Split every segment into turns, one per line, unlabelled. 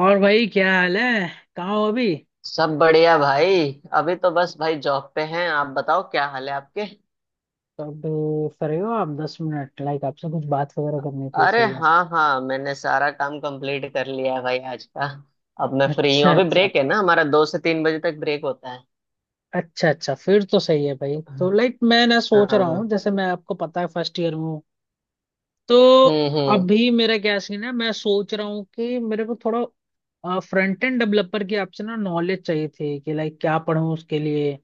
और भाई, क्या हाल है? कहाँ हो अभी?
सब बढ़िया भाई। अभी तो बस भाई जॉब पे हैं। आप बताओ क्या हाल है आपके।
तब, फ्री हो आप 10 मिनट? लाइक आपसे कुछ बात वगैरह करनी थी
अरे
इसीलिए।
हाँ हाँ मैंने सारा काम कंप्लीट कर लिया है भाई आज का। अब मैं फ्री हूँ।
अच्छा,
अभी
अच्छा।
ब्रेक है ना हमारा। 2 से 3 बजे तक ब्रेक होता है।
अच्छा, अच्छा, फिर तो सही है भाई। तो लाइक मैं ना सोच रहा हूँ,
हाँ।
जैसे मैं, आपको पता है, फर्स्ट ईयर में हूँ, तो
हम्म। हम्म।
अभी मेरा क्या सीन है। मैं सोच रहा हूँ कि मेरे को थोड़ा फ्रंट एंड डेवलपर की आपसे ना नॉलेज चाहिए थी, कि लाइक क्या पढूं उसके लिए,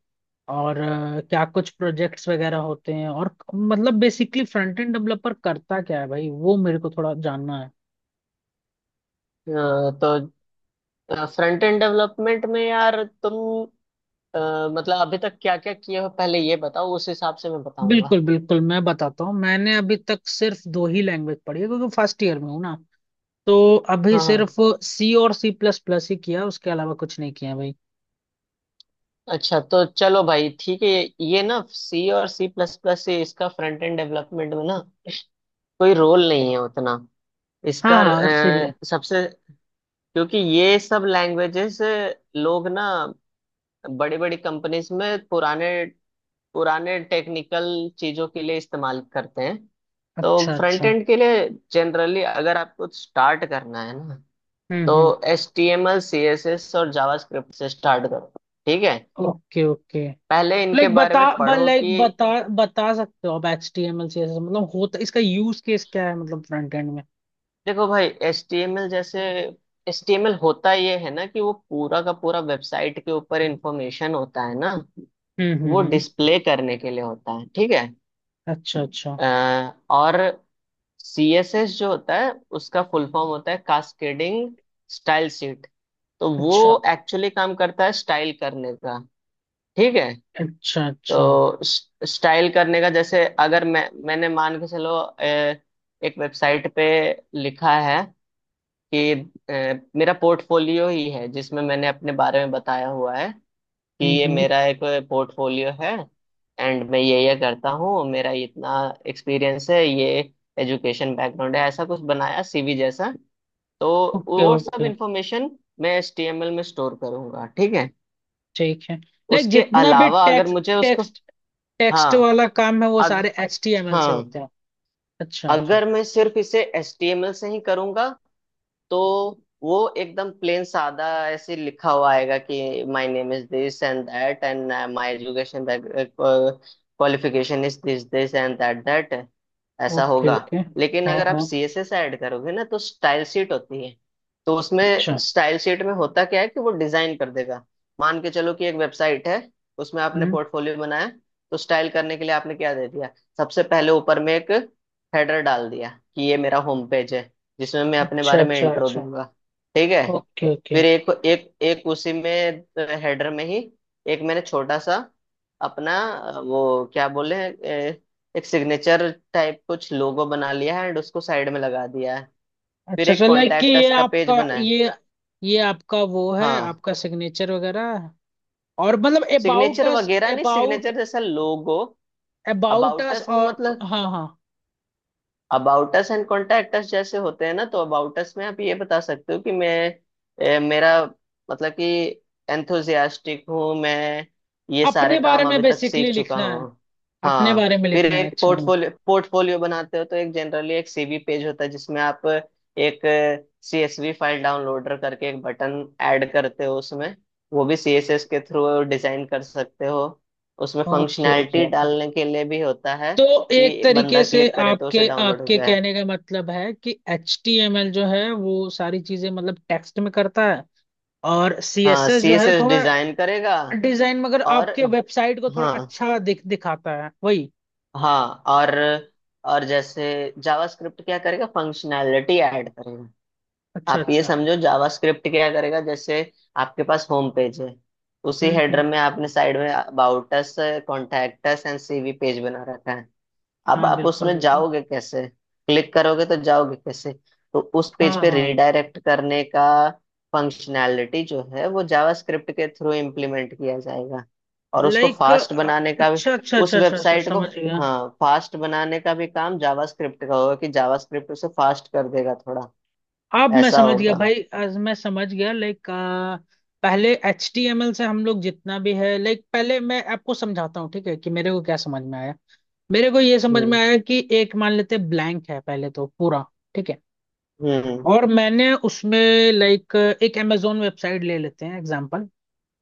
और क्या कुछ प्रोजेक्ट्स वगैरह होते हैं, और मतलब बेसिकली फ्रंट एंड डेवलपर करता क्या है भाई, वो मेरे को थोड़ा जानना है।
तो फ्रंट एंड डेवलपमेंट में यार तुम अ, मतलब अभी तक क्या क्या किए हो। पहले ये बताओ उस हिसाब से मैं बताऊंगा।
बिल्कुल, बिल्कुल, मैं बताता हूँ। मैंने अभी तक सिर्फ दो ही लैंग्वेज पढ़ी है, क्योंकि फर्स्ट ईयर में हूँ ना, तो अभी
हाँ हाँ।
सिर्फ सी और सी प्लस प्लस ही किया, उसके अलावा कुछ नहीं किया भाई।
अच्छा तो चलो भाई ठीक है। ये ना सी और सी प्लस प्लस से इसका फ्रंट एंड डेवलपमेंट में ना कोई रोल नहीं है उतना।
हाँ,
इसका
हाँ, इसीलिए।
सबसे क्योंकि ये सब लैंग्वेजेस लोग ना बड़ी बड़ी कंपनीज में पुराने पुराने टेक्निकल चीजों के लिए इस्तेमाल करते हैं। तो
अच्छा,
फ्रंट
अच्छा।
एंड के लिए जनरली अगर आपको स्टार्ट करना है ना
हम्म,
तो
हम्म।
H T M L C S S और जावास्क्रिप्ट से स्टार्ट करो। ठीक है।
Okay, okay.
पहले इनके बारे में पढ़ो कि
लाइक बता, बता सकते हो आप H T M L C S मतलब होता, इसका यूज केस क्या है, मतलब फ्रंट एंड में?
देखो भाई एच टी एम एल जैसे एच टी एम एल होता ये है ना कि वो पूरा का पूरा वेबसाइट के ऊपर इंफॉर्मेशन होता है ना।
हम्म, हम्म,
वो
हम्म।
डिस्प्ले करने के लिए होता है। ठीक है।
अच्छा, अच्छा,
अ, और सी एस एस जो होता है उसका फुल फॉर्म होता है कास्केडिंग स्टाइल शीट। तो
अच्छा,
वो एक्चुअली काम करता है स्टाइल करने का। ठीक है।
अच्छा, अच्छा।
तो स्टाइल करने का जैसे अगर मैंने मान के चलो एक वेबसाइट पे लिखा है कि अ, मेरा पोर्टफोलियो ही है जिसमें मैंने अपने बारे में बताया हुआ है कि
हम्म,
ये
हम्म।
मेरा एक पोर्टफोलियो है। एंड मैं ये करता हूँ। मेरा इतना एक्सपीरियंस है। ये एजुकेशन बैकग्राउंड है। ऐसा कुछ बनाया सीवी जैसा। तो
ओके,
वो सब
ओके।
इंफॉर्मेशन मैं एचटीएमएल में स्टोर करूंगा। ठीक है।
ठीक है। लाइक
उसके
जितना भी
अलावा अगर
टेक्स्ट
मुझे उसको,
टेक्स्ट टेक्स्ट
हाँ,
वाला काम है, वो
अग,
सारे एच टी एम एल से
हाँ
होते हैं। अच्छा, अच्छा।
अगर मैं सिर्फ इसे एचटीएमएल से ही करूंगा तो वो एकदम प्लेन सादा ऐसे लिखा हुआ आएगा कि my name is this and that and my education qualification is this this and that that. ऐसा
ओके,
होगा।
ओके।
लेकिन
हाँ,
अगर आप
हाँ।
सीएसएस ऐड करोगे ना तो स्टाइल शीट होती है। तो उसमें
अच्छा।
स्टाइल शीट में होता क्या है कि वो डिजाइन कर देगा। मान के चलो कि एक वेबसाइट है। उसमें आपने
हम्म।
पोर्टफोलियो बनाया। तो स्टाइल करने के लिए आपने क्या दे दिया। सबसे पहले ऊपर में एक हेडर डाल दिया कि ये मेरा होम पेज है जिसमें मैं अपने
अच्छा,
बारे में
अच्छा,
इंट्रो
अच्छा।
दूंगा। ठीक है।
Okay, okay.
फिर एक एक एक उसी में हेडर में ही एक मैंने छोटा सा अपना वो क्या बोले एक सिग्नेचर टाइप कुछ लोगो बना लिया है एंड उसको साइड में लगा दिया है। फिर
अच्छा
एक
सर, लाइक कि
कॉन्टैक्ट अस का पेज बना है।
ये आपका वो है,
हाँ
आपका सिग्नेचर वगैरह? और मतलब अबाउट
सिग्नेचर
अस?
वगैरह नहीं।
अबाउट
सिग्नेचर जैसा logo.
About
about
us,
us में
और?
मतलब
हाँ, हाँ,
about us and contact us जैसे होते हैं ना। तो अबाउट अस में आप ये बता सकते हो कि मैं मेरा मतलब कि एंथुजियास्टिक हूँ मैं। ये सारे
अपने बारे
काम
में
अभी तक
बेसिकली
सीख चुका
लिखना
हूँ।
है, अपने
हाँ
बारे में
फिर
लिखना है।
एक
अच्छा, हाँ।
पोर्टफोलियो पोर्टफोलियो बनाते हो तो एक जनरली एक सीवी पेज होता है जिसमें आप एक सीएसवी फाइल डाउनलोडर करके एक बटन ऐड करते हो उसमें। वो भी सीएसएस के थ्रू डिजाइन कर सकते हो। उसमें
ओके, ओके,
फंक्शनैलिटी
ओके।
डालने के लिए भी होता है।
तो एक
ये
तरीके
बंदा
से
क्लिक करे तो
आपके
उसे डाउनलोड हो
आपके
जाए।
कहने का मतलब है कि एच टी एम एल जो है वो सारी चीजें मतलब टेक्स्ट में करता है, और सी एस
हाँ
एस जो है,
सीएसएस
थोड़ा
डिजाइन करेगा।
डिजाइन, मगर
और
आपके वेबसाइट को थोड़ा
हाँ।
अच्छा दिखाता है, वही।
हाँ और जैसे जावास्क्रिप्ट क्या करेगा। फंक्शनैलिटी ऐड करेगा।
अच्छा,
आप ये
अच्छा।
समझो जावास्क्रिप्ट क्या करेगा जैसे आपके पास होम पेज है। उसी
हम्म,
हेडर
हम्म।
में आपने साइड में about us contact us and CV page बना रखा है। अब
हाँ,
आप
बिल्कुल,
उसमें
बिल्कुल।
जाओगे कैसे। क्लिक करोगे तो जाओगे कैसे। तो उस पेज
हाँ,
पे
हाँ।
रिडायरेक्ट करने का फंक्शनैलिटी जो है वो जावास्क्रिप्ट के थ्रू इम्प्लीमेंट किया जाएगा। और उसको
लाइक
फास्ट बनाने का भी
अच्छा, अच्छा,
उस
अच्छा, अच्छा, अच्छा,
वेबसाइट को।
समझ गया।
हाँ फास्ट बनाने का भी काम जावास्क्रिप्ट का होगा कि जावास्क्रिप्ट उसे फास्ट कर देगा थोड़ा।
अब मैं
ऐसा
समझ गया
होगा।
भाई, आज मैं समझ गया, लाइक। पहले एच टी एम एल से हम लोग जितना भी है, लाइक पहले मैं आपको समझाता हूँ, ठीक है, कि मेरे को क्या समझ में आया। मेरे को ये समझ में
हम्म।
आया कि एक मान लेते ब्लैंक है पहले तो पूरा, ठीक है।
हम्म।
और मैंने उसमें, लाइक, एक अमेजोन वेबसाइट ले लेते हैं एग्जांपल।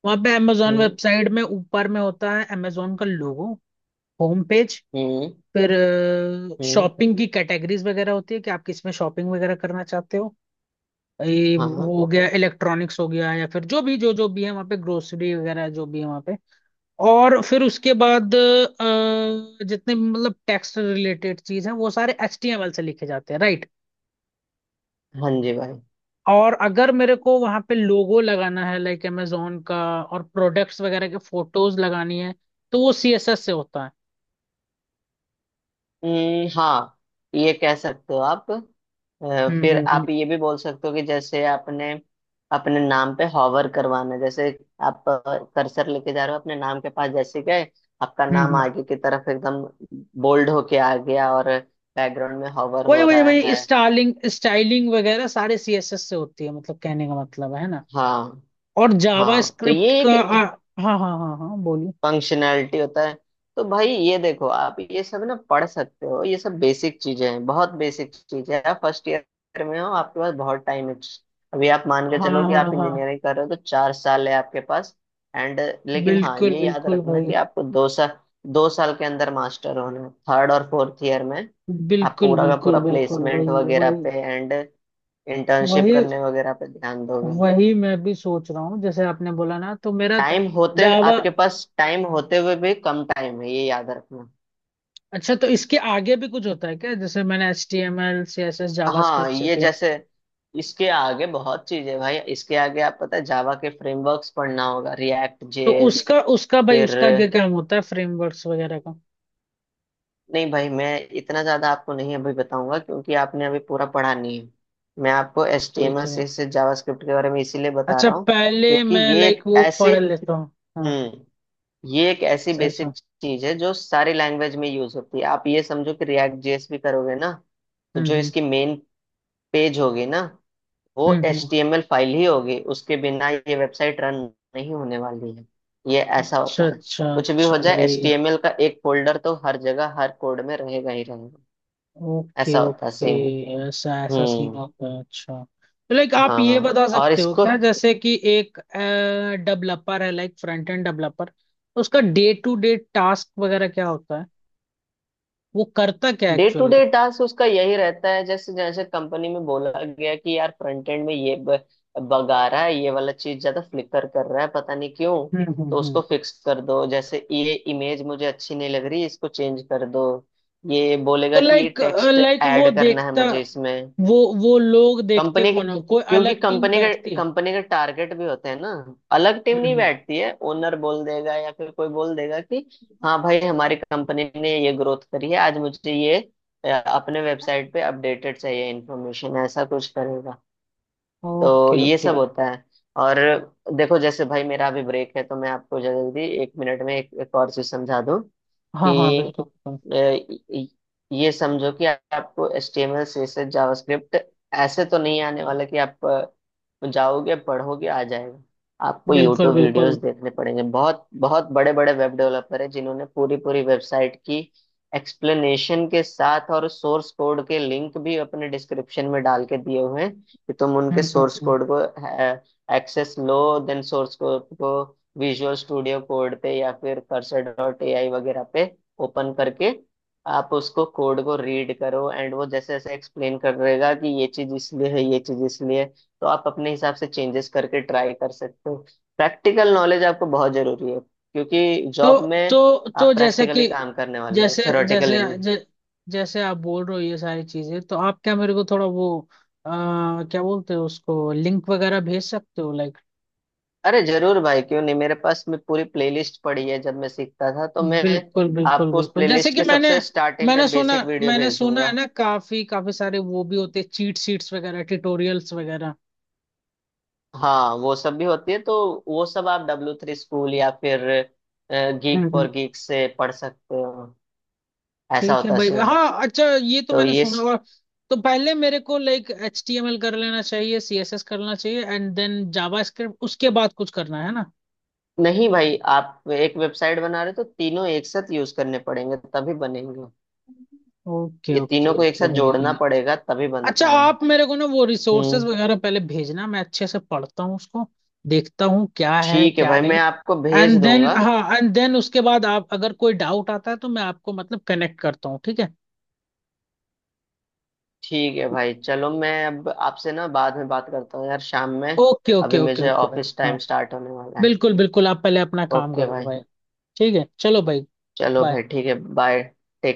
वहां पे अमेजोन
हम्म।
वेबसाइट में ऊपर में होता है अमेजोन का लोगो, होम पेज।
हम्म।
फिर
हम्म।
शॉपिंग की कैटेगरीज वगैरह होती है, कि आप किसमें शॉपिंग वगैरह करना चाहते हो, ये
हाँ
वो हो गया, इलेक्ट्रॉनिक्स हो गया, या फिर जो भी, जो जो भी है वहाँ पे, ग्रोसरी वगैरह जो भी है वहाँ पे। और फिर उसके बाद जितने भी मतलब टैक्स रिलेटेड चीज है, वो सारे एचटीएमएल से लिखे जाते हैं, राइट?
हाँ जी भाई।
और अगर मेरे को वहां पे लोगो लगाना है, लाइक amazon का, और प्रोडक्ट्स वगैरह के फोटोज लगानी है, तो वो सीएसएस से होता है।
हाँ। ये कह सकते हो आप,
हम्म,
फिर
हम्म, हम्म,
आप ये भी बोल सकते हो कि जैसे आपने अपने नाम पे हॉवर करवाना जैसे आप कर्सर लेके जा रहे हो अपने नाम के पास जैसे गए आपका
हम्म,
नाम
हम्म।
आगे की तरफ एकदम बोल्ड होके आ गया और बैकग्राउंड में हॉवर
वही,
हो
वही,
रहा
वही
है।
स्टाइलिंग, स्टाइलिंग वगैरह सारे सीएसएस से होती है, मतलब कहने का मतलब है ना।
हाँ
और जावा
हाँ तो
स्क्रिप्ट
ये एक
का हाँ, हाँ, हाँ, हाँ, बोलिए।
फंक्शनैलिटी होता है। तो भाई ये देखो आप ये सब ना पढ़ सकते हो। ये सब बेसिक चीजें हैं। बहुत बेसिक चीजें हैं। आप फर्स्ट ईयर में हो। आपके पास बहुत टाइम है। अभी आप मान के
हाँ,
चलो कि
हाँ,
आप
हाँ,
इंजीनियरिंग कर रहे हो तो 4 साल है आपके पास। एंड लेकिन हाँ
बिल्कुल,
ये याद
बिल्कुल
रखना
भाई।
कि आपको दो साल के अंदर मास्टर होना है। थर्ड और फोर्थ ईयर में आप
बिल्कुल,
पूरा का पूरा
बिल्कुल, बिल्कुल, वही,
प्लेसमेंट वगैरह
वही।
पे एंड इंटर्नशिप
वही
करने वगैरह पे ध्यान दोगे।
वही मैं भी सोच रहा हूँ, जैसे आपने बोला ना, तो मेरा
टाइम होते
जावा
आपके पास टाइम होते हुए भी कम टाइम है। ये याद रखना।
अच्छा, तो इसके आगे भी कुछ होता है क्या, जैसे मैंने H T M L C S S Java
हाँ
स्क्रिप्ट
ये
सीख लिया
जैसे इसके आगे बहुत चीजें हैं भाई। इसके आगे आप पता है जावा के फ्रेमवर्क्स पढ़ना होगा रिएक्ट
तो
जेएस।
उसका उसका भाई,
फिर
उसका क्या काम होता है, फ्रेमवर्क्स वगैरह का?
नहीं भाई मैं इतना ज्यादा आपको नहीं अभी बताऊंगा क्योंकि आपने अभी पूरा पढ़ा नहीं है। मैं आपको एच टी एम
ठीक
एल
है भाई।
सी से जावास्क्रिप्ट के बारे में इसीलिए बता
अच्छा,
रहा हूँ
पहले
क्योंकि
मैं लाइक वो पढ़ लेता हूँ। हाँ,
हम्म ये एक ऐसी
अच्छा, अच्छा।
बेसिक चीज है जो सारी लैंग्वेज में यूज होती है। आप ये समझो कि रिएक्ट जेएस भी करोगे ना तो
हम्म,
जो
हम्म,
इसकी मेन पेज होगी ना वो
hmm,
H
hmm.
T M L file ही होगी। उसके बिना ये वेबसाइट रन नहीं होने वाली है। ये ऐसा
अच्छा,
होता है।
अच्छा,
कुछ भी
अच्छा
हो जाए एच टी
भाई।
एम एल का एक फोल्डर तो हर जगह हर कोड में रहेगा ही रहेगा।
ओके,
ऐसा होता है
ओके।
सीन।
ऐसा, ऐसा सीन
हम्म।
होता है, अच्छा। लाइक आप ये
हाँ
बता
और
सकते हो
इसको
क्या, जैसे कि एक डेवलपर है, लाइक फ्रंट एंड डेवलपर, उसका डे टू डे टास्क वगैरह क्या होता है, वो करता क्या
day to
actually?
Day task उसका यही रहता है। जैसे जैसे कंपनी में बोला गया कि यार फ्रंट एंड में ये बग आ रहा है ये वाला चीज ज्यादा फ्लिकर कर रहा है पता नहीं क्यों,
हम्म, हम्म,
तो उसको फिक्स कर दो। जैसे ये इमेज मुझे अच्छी नहीं लग रही इसको चेंज कर दो। ये
तो
बोलेगा कि ये
लाइक
टेक्स्ट
लाइक
ऐड करना है मुझे इसमें।
वो वो लोग देखते
कंपनी के
कौन है, कोई
क्योंकि
अलग टीम बैठती है?
कंपनी के टारगेट भी होते हैं ना। अलग टीम नहीं
हम्म।
बैठती है। ओनर बोल देगा या फिर कोई बोल देगा कि हाँ भाई हमारी कंपनी ने ये ग्रोथ करी है आज मुझे ये अपने वेबसाइट पे अपडेटेड चाहिए इन्फॉर्मेशन ऐसा कुछ करेगा। तो
ओके,
ये सब
ओके।
होता है। और देखो जैसे भाई मेरा अभी ब्रेक है तो मैं आपको जल्दी 1 मिनट में एक और चीज समझा दूं
हाँ, हाँ,
कि
बिल्कुल,
ये समझो कि आपको HTML CSS जावास्क्रिप्ट ऐसे तो नहीं आने वाला कि आप जाओगे पढ़ोगे आ जाएगा। आपको
बिल्कुल,
यूट्यूब वीडियोस
बिल्कुल।
देखने पड़ेंगे। बहुत बहुत बड़े बड़े वेब डेवलपर हैं जिन्होंने पूरी पूरी वेबसाइट की एक्सप्लेनेशन के साथ और सोर्स कोड के लिंक भी अपने डिस्क्रिप्शन में डाल के दिए हुए हैं कि तुम उनके
hmm, hmm,
source
hmm.
Code को एक्सेस लो। देन सोर्स कोड को विजुअल स्टूडियो कोड पे या फिर कर्सर डॉट एआई वगैरह पे ओपन करके आप उसको कोड को रीड करो एंड वो जैसे जैसे एक्सप्लेन कर रहेगा कि ये चीज इसलिए है ये चीज इसलिए है, तो आप अपने हिसाब से चेंजेस करके ट्राई कर सकते हो। प्रैक्टिकल नॉलेज आपको बहुत जरूरी है क्योंकि
तो
जॉब में
तो
आप
तो जैसे
प्रैक्टिकली
कि
काम करने वाले हो
जैसे
थ्योरेटिकली
जैसे
नहीं।
जै, जैसे आप बोल रहे हो ये सारी चीजें, तो आप क्या मेरे को थोड़ा वो, क्या बोलते हो उसको, लिंक वगैरह भेज सकते हो लाइक?
अरे जरूर भाई क्यों नहीं। मेरे पास मैं पूरी प्लेलिस्ट पड़ी है। जब मैं सीखता था तो मैं
बिल्कुल, बिल्कुल,
आपको उस
बिल्कुल, जैसे
प्लेलिस्ट
कि
के
मैंने
सबसे स्टार्टिंग के
मैंने सुना
बेसिक वीडियो
मैंने
भेज
सुना है
दूंगा।
ना, काफी, काफी सारे वो भी होते, चीट शीट्स वगैरह, ट्यूटोरियल्स वगैरह।
हाँ वो सब भी होती है। तो वो सब आप डब्ल्यू थ्री स्कूल या फिर
हम्म,
गीक फॉर गीक से पढ़ सकते हो। ऐसा
ठीक है
होता है
भाई।
सीन।
हाँ, अच्छा, ये तो
तो
मैंने
ये
सुना।
स...
और तो पहले मेरे को, like, H T M L कर लेना चाहिए, सी एस एस करना चाहिए, एंड देन जावा स्क्रिप्ट, उसके बाद कुछ करना है ना?
नहीं भाई आप एक वेबसाइट बना रहे हो तो तीनों एक साथ यूज करने पड़ेंगे तभी बनेंगे।
ओके,
ये
ओके,
तीनों को एक
ओके
साथ जोड़ना
भाई।
पड़ेगा तभी
अच्छा
बनता है।
आप मेरे को ना वो
हम्म।
रिसोर्सेज वगैरह पहले भेजना, मैं अच्छे से पढ़ता हूँ उसको, देखता हूँ क्या है
ठीक है
क्या
भाई मैं
नहीं।
आपको भेज
एंड देन,
दूंगा।
हाँ, एंड देन उसके बाद, आप अगर कोई डाउट आता है तो मैं आपको मतलब कनेक्ट करता हूँ, ठीक है?
ठीक है भाई चलो। मैं अब आपसे ना बाद में बात करता हूँ यार शाम में।
ओके, ओके,
अभी
ओके,
मुझे
ओके भाई।
ऑफिस टाइम
हाँ,
स्टार्ट होने वाला है।
बिल्कुल, बिल्कुल, आप पहले अपना काम
ओके
करो
भाई
भाई। ठीक है, चलो भाई।
चलो
बाय।
भाई ठीक है। बाय। टेक।